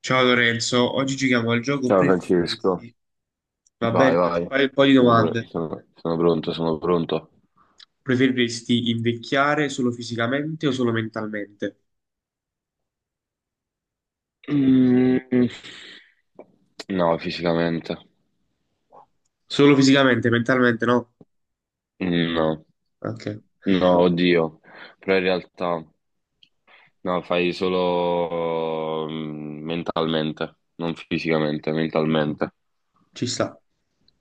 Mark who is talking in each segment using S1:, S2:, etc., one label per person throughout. S1: Ciao Lorenzo, oggi giochiamo al gioco
S2: Ciao, Francesco.
S1: preferiresti. Va
S2: Vai,
S1: bene, ti
S2: vai.
S1: faccio fare un po' di domande.
S2: Sono pronto, sono pronto.
S1: Preferiresti invecchiare solo fisicamente o solo mentalmente?
S2: Mm, no, fisicamente.
S1: Solo fisicamente, mentalmente no?
S2: No,
S1: Ok,
S2: no, oddio, però in realtà no, fai solo mentalmente, non fisicamente, mentalmente.
S1: ci sta.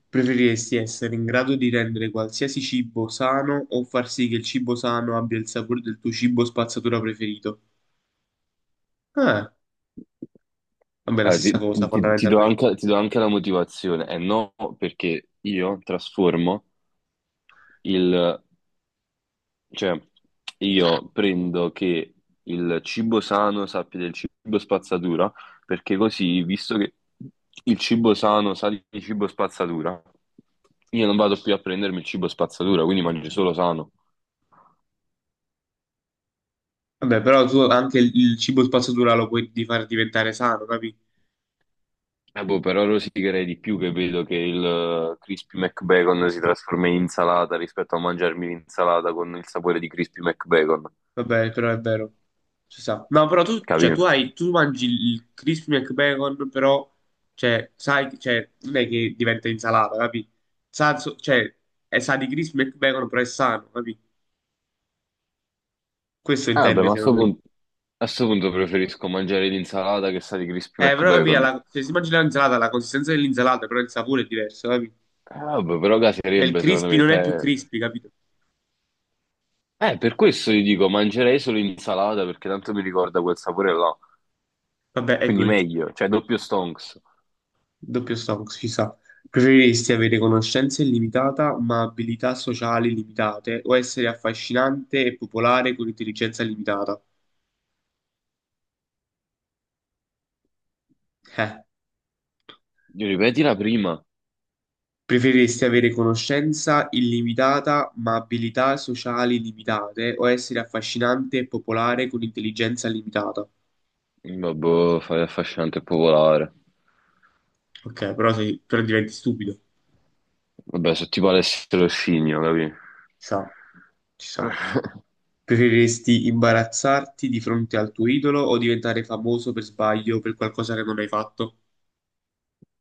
S1: Preferiresti essere in grado di rendere qualsiasi cibo sano o far sì che il cibo sano abbia il sapore del tuo cibo spazzatura preferito? Ah, vabbè, la stessa cosa fondamentalmente.
S2: Ti do anche la motivazione, e no perché io trasformo. Cioè, io prendo che il cibo sano sappia del cibo spazzatura, perché così, visto che il cibo sano sa di cibo spazzatura, io non vado più a prendermi il cibo spazzatura, quindi mangio solo sano.
S1: Vabbè, però tu anche il cibo spazzatura lo puoi di far diventare sano, capito?
S2: Boh, però rosicherei di più che vedo che il Crispy McBacon si trasforma in insalata rispetto a mangiarmi l'insalata con il sapore di Crispy McBacon,
S1: Vabbè, però è vero. Si sa. No, però tu, cioè, tu
S2: capito?
S1: hai, tu mangi il crispy McBacon, però, cioè, sai, cioè, non è che diventa insalata, capi? Cioè, è sa di crispy McBacon, però è sano, capi? Questo
S2: Ah, vabbè,
S1: intende,
S2: ma
S1: secondo me.
S2: a sto punto preferisco mangiare l'insalata che sa di Crispy
S1: Però, capi,
S2: McBacon.
S1: se si mangia l'insalata, la consistenza dell'insalata, però il sapore è diverso, capi?
S2: Ah, vabbè, però
S1: Cioè, il
S2: caserebbe secondo
S1: crispy
S2: me.
S1: non è più crispy, capito?
S2: Per questo gli dico, mangerei solo insalata perché tanto mi ricorda quel sapore là.
S1: Vabbè, ecco,
S2: Quindi meglio, cioè doppio stonks.
S1: doppio Stonks, ci sta. Preferiresti avere conoscenza illimitata ma abilità sociali limitate o essere affascinante e popolare con intelligenza limitata? Eh.
S2: Io Ripeti la prima.
S1: Preferiresti avere conoscenza illimitata ma abilità sociali limitate o essere affascinante e popolare con intelligenza limitata?
S2: Vabbè, fai affascinante e popolare.
S1: Ok, però, sei, però diventi stupido. Ci
S2: Vabbè, sono tipo Alessio Scigno, capì?
S1: sta, ci sta. Preferiresti imbarazzarti di fronte al tuo idolo o diventare famoso per sbaglio per qualcosa che non hai fatto?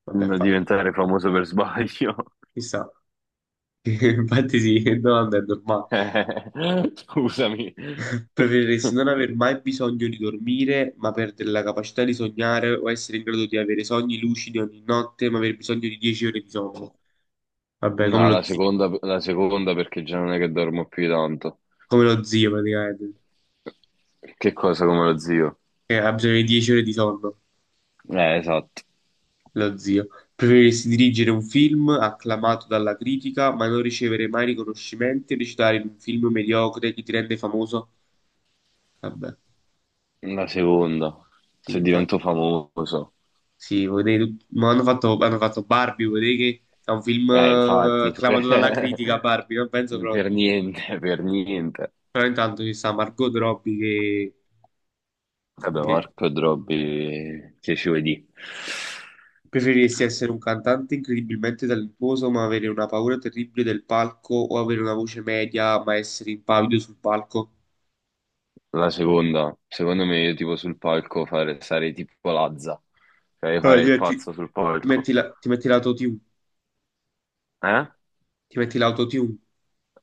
S1: Vabbè,
S2: Non
S1: fai.
S2: diventare famoso per sbaglio.
S1: Chissà, infatti sì, che domanda è normale.
S2: Scusami.
S1: Preferiresti non aver mai bisogno di dormire, ma perdere la capacità di sognare o essere in grado di avere sogni lucidi ogni notte, ma aver bisogno di 10 ore di sonno? Vabbè,
S2: No, la seconda perché già non è che dormo più di tanto.
S1: come lo zio praticamente,
S2: Che cosa come lo zio?
S1: che ha bisogno di 10 ore di sonno,
S2: Esatto.
S1: lo zio. Preferiresti dirigere un film acclamato dalla critica, ma non ricevere mai riconoscimenti e recitare in un film mediocre che ti rende famoso? Vabbè,
S2: La seconda,
S1: sì,
S2: se divento
S1: infatti.
S2: famoso.
S1: Sì, ma hanno fatto Barbie, vuol dire che è un film
S2: Infatti.
S1: acclamato dalla critica,
S2: Per
S1: Barbie, non penso proprio.
S2: niente, per niente.
S1: Però intanto ci sta Margot Robbie
S2: Vabbè,
S1: che
S2: Marco e Drobby, che ci vuoi dire?
S1: preferiresti essere un cantante incredibilmente talentuoso ma avere una paura terribile del palco o avere una voce media ma essere impavido sul palco.
S2: La seconda, secondo me io tipo sul palco fare, sarei tipo Lazza, cioè io
S1: Allora,
S2: farei il
S1: ti metti,
S2: pazzo sul palco.
S1: ti metti l'autotune,
S2: Eh?
S1: ti metti l'autotune.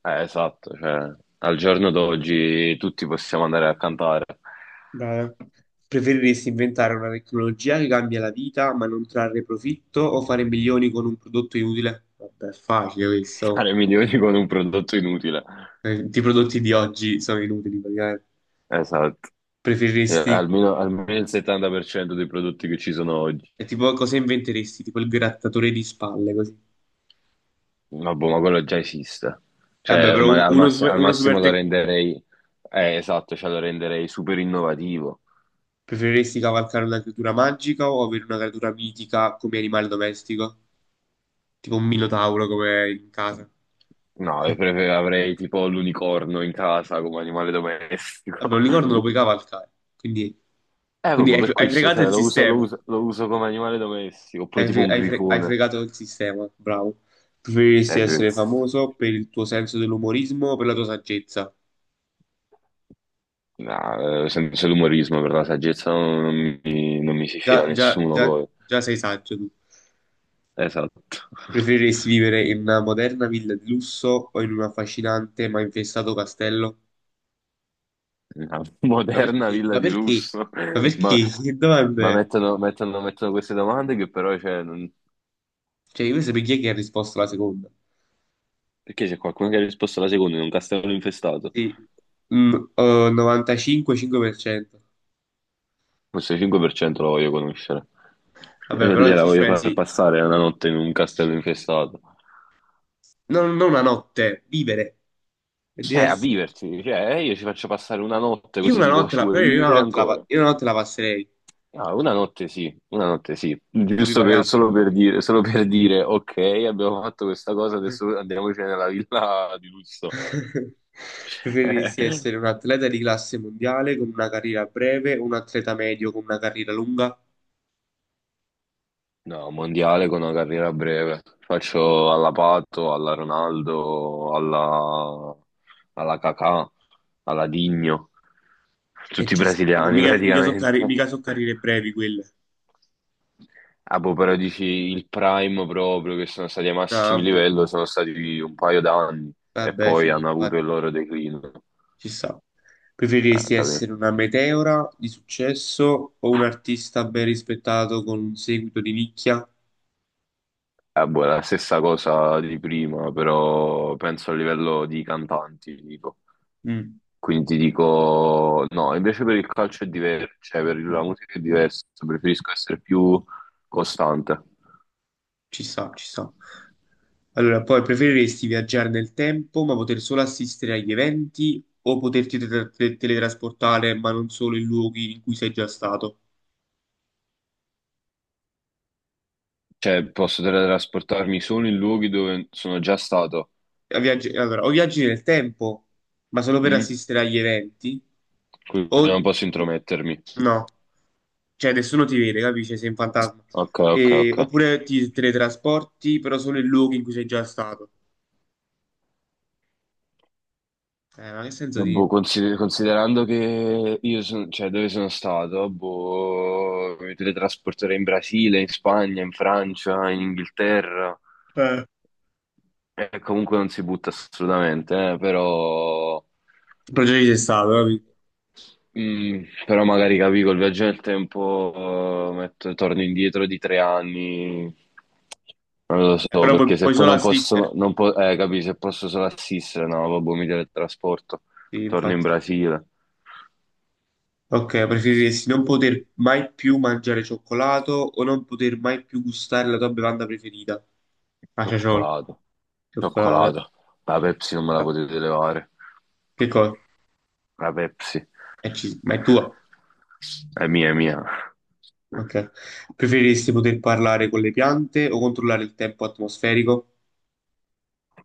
S2: Esatto, cioè al giorno d'oggi tutti possiamo andare a cantare,
S1: Beh, preferiresti inventare una tecnologia che cambia la vita ma non trarre profitto o fare milioni con un prodotto inutile? Vabbè, è facile questo.
S2: fare milioni con un prodotto inutile.
S1: I prodotti di oggi sono inutili praticamente.
S2: Esatto. Eh,
S1: Preferiresti,
S2: almeno, almeno il 70% dei prodotti che ci sono oggi.
S1: è tipo cosa inventeresti? Tipo il grattatore di spalle così.
S2: Ma boh, ma quello già esiste.
S1: Vabbè,
S2: Cioè,
S1: però uno super,
S2: al massimo lo renderei, esatto, cioè lo renderei super innovativo.
S1: preferiresti cavalcare una creatura magica o avere una creatura mitica come animale domestico? Tipo un minotauro come in casa.
S2: No, avrei tipo l'unicorno in casa come animale
S1: Vabbè, un
S2: domestico.
S1: unicorno lo puoi cavalcare, quindi, quindi
S2: Proprio
S1: hai,
S2: per
S1: hai
S2: questo,
S1: fregato
S2: cioè,
S1: il sistema.
S2: lo uso come animale domestico, oppure
S1: Hai,
S2: tipo un
S1: hai
S2: grifone.
S1: fregato il sistema, bravo. Preferiresti essere
S2: Grazie.
S1: famoso per il tuo senso dell'umorismo o per la tua saggezza?
S2: No, senza l'umorismo, per la saggezza non mi si fila
S1: Già, già,
S2: nessuno
S1: già,
S2: poi.
S1: già sei saggio tu.
S2: Esatto.
S1: Preferiresti vivere in una moderna villa di lusso o in un affascinante ma infestato castello?
S2: Una
S1: Ma
S2: moderna
S1: perché?
S2: villa
S1: Ma
S2: di
S1: perché?
S2: lusso,
S1: Ma
S2: ma,
S1: perché? Che
S2: ma
S1: domande?
S2: mettono queste domande che però cioè.
S1: Cioè, io voglio sapere chi è che ha risposto alla seconda.
S2: Perché c'è qualcuno che ha risposto alla seconda in un castello infestato?
S1: Sì. Mm, 95,5%.
S2: Questo 5% lo voglio conoscere.
S1: Vabbè,
S2: Io
S1: però
S2: gliela
S1: se ci
S2: voglio far
S1: pensi,
S2: passare una notte in un castello infestato.
S1: non, non una notte, vivere è
S2: A
S1: diverso.
S2: viverci, cioè io ci faccio passare una notte
S1: Io
S2: così
S1: una
S2: dico
S1: notte
S2: ci
S1: la,
S2: vuoi
S1: però
S2: vivere ancora?
S1: io una notte la passerei,
S2: Ah, una notte sì,
S1: ma vi pariamo.
S2: solo per dire, ok, abbiamo fatto questa cosa, adesso andiamoci nella villa di lusso.
S1: Preferiresti essere un atleta di classe mondiale con una carriera breve o un atleta medio con una carriera lunga?
S2: No, mondiale con una carriera breve. Faccio alla Pato, alla Ronaldo, alla Kakà, alla Digno,
S1: E
S2: tutti
S1: ci sta. Vabbè,
S2: brasiliani
S1: mica,
S2: praticamente.
S1: mica so carriere brevi quelle.
S2: Ah, boh, però dici il prime proprio, che sono stati ai
S1: Ah,
S2: massimi
S1: vabbè,
S2: livello, sono stati un paio d'anni e
S1: vabbè,
S2: poi
S1: sì,
S2: hanno avuto
S1: infatti,
S2: il loro declino.
S1: ci sta.
S2: Ah,
S1: Preferiresti
S2: capì?
S1: essere una meteora di successo o un artista ben rispettato con un seguito di nicchia?
S2: Ah, boh, è la stessa cosa di prima, però penso a livello di cantanti, ti dico.
S1: Mm.
S2: Quindi ti dico, no, invece per il calcio è diverso, cioè per la musica è diverso, preferisco essere più costante.
S1: Ci sta, ci sta. Allora, poi preferiresti viaggiare nel tempo ma poter solo assistere agli eventi o poterti teletrasportare ma non solo in luoghi in cui sei già stato?
S2: Cioè, posso teletrasportarmi solo in luoghi dove sono già stato,
S1: Allora, o viaggi nel tempo ma solo per
S2: mm?
S1: assistere agli eventi
S2: Quindi non
S1: o
S2: posso intromettermi.
S1: no, cioè nessuno ti vede, capisci? Sei un fantasma.
S2: Ok, ok, ok.
S1: Oppure ti teletrasporti però solo in luoghi in cui sei già stato. Ma che senso di...
S2: Boh, considerando che io sono, cioè dove sono stato, boh, mi teletrasporterei in Brasile, in Spagna, in Francia, in Inghilterra.
S1: Eh.
S2: Comunque non si butta assolutamente, però.
S1: Però già ci sei stato, capisci?
S2: Però magari capi col viaggio nel tempo, torno indietro di 3 anni, non lo so,
S1: Però
S2: perché se
S1: puoi
S2: poi
S1: solo
S2: non posso,
S1: assistere.
S2: non po- capi, se posso solo assistere, no, vabbè, mi teletrasporto,
S1: Sì,
S2: torno in
S1: infatti.
S2: Brasile,
S1: Ok, preferiresti non poter mai più mangiare cioccolato o non poter mai più gustare la tua bevanda preferita? Ah, ciaciolo,
S2: cioccolato,
S1: cioccolato.
S2: cioccolato, la Pepsi non me la
S1: No.
S2: potete levare,
S1: Che cosa?
S2: la Pepsi
S1: Ma è tua.
S2: è mia, è mia.
S1: Ok. Preferiresti poter parlare con le piante o controllare il tempo atmosferico?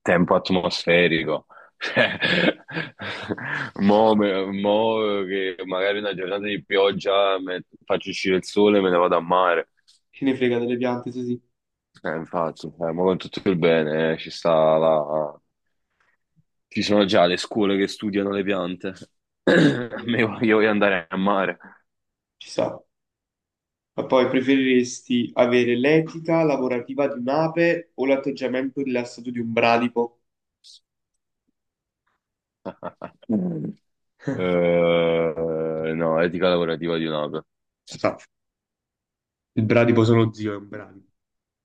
S2: Tempo atmosferico. Cioè, Mo che magari una giornata di pioggia faccio uscire il sole e me ne vado a mare.
S1: Chi ne frega delle piante, sì, sì.
S2: Infatti, ma con tutto il bene, ci sta la... Ci sono già le scuole che studiano le piante. A
S1: Eh,
S2: me io voglio andare a mare.
S1: ci sta. Ma poi preferiresti avere l'etica lavorativa di un'ape o l'atteggiamento rilassato di un bradipo?
S2: No, etica lavorativa di un'ape.
S1: Sta. Il bradipo sono zio, è un bradipo. Mm.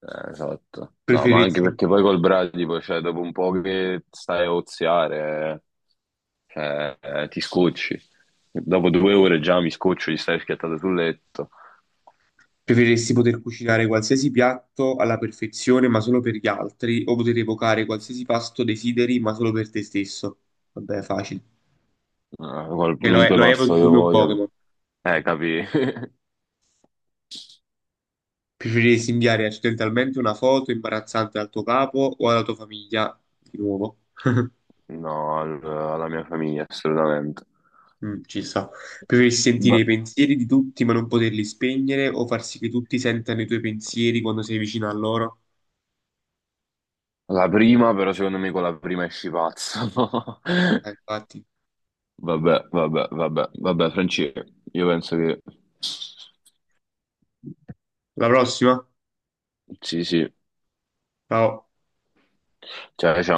S2: Esatto. No, ma anche
S1: Preferiresti
S2: perché poi col Bradipo, cioè, dopo un po' che stai a oziare, cioè, ti scocci. Dopo 2 ore già mi scoccio, gli stai schiattato sul letto.
S1: Preferiresti poter cucinare qualsiasi piatto alla perfezione, ma solo per gli altri, o poter evocare qualsiasi pasto desideri, ma solo per te stesso? Vabbè, facile. E
S2: Qualunque
S1: lo
S2: passo
S1: evochi
S2: io
S1: come un
S2: voglia.
S1: Pokémon.
S2: Capi?
S1: Preferiresti inviare accidentalmente una foto imbarazzante al tuo capo o alla tua famiglia? Di nuovo.
S2: No, alla mia famiglia, assolutamente.
S1: Mm, ci sta. Preferiresti sentire i
S2: Ma-
S1: pensieri di tutti, ma non poterli spegnere, o far sì che tutti sentano i tuoi pensieri quando sei vicino a loro?
S2: la prima, però, secondo me con la prima esci pazzo.
S1: Infatti.
S2: Vabbè, vabbè, vabbè, vabbè, Franci, io penso che...
S1: La prossima?
S2: Sì, sì.
S1: Ciao.
S2: Cioè,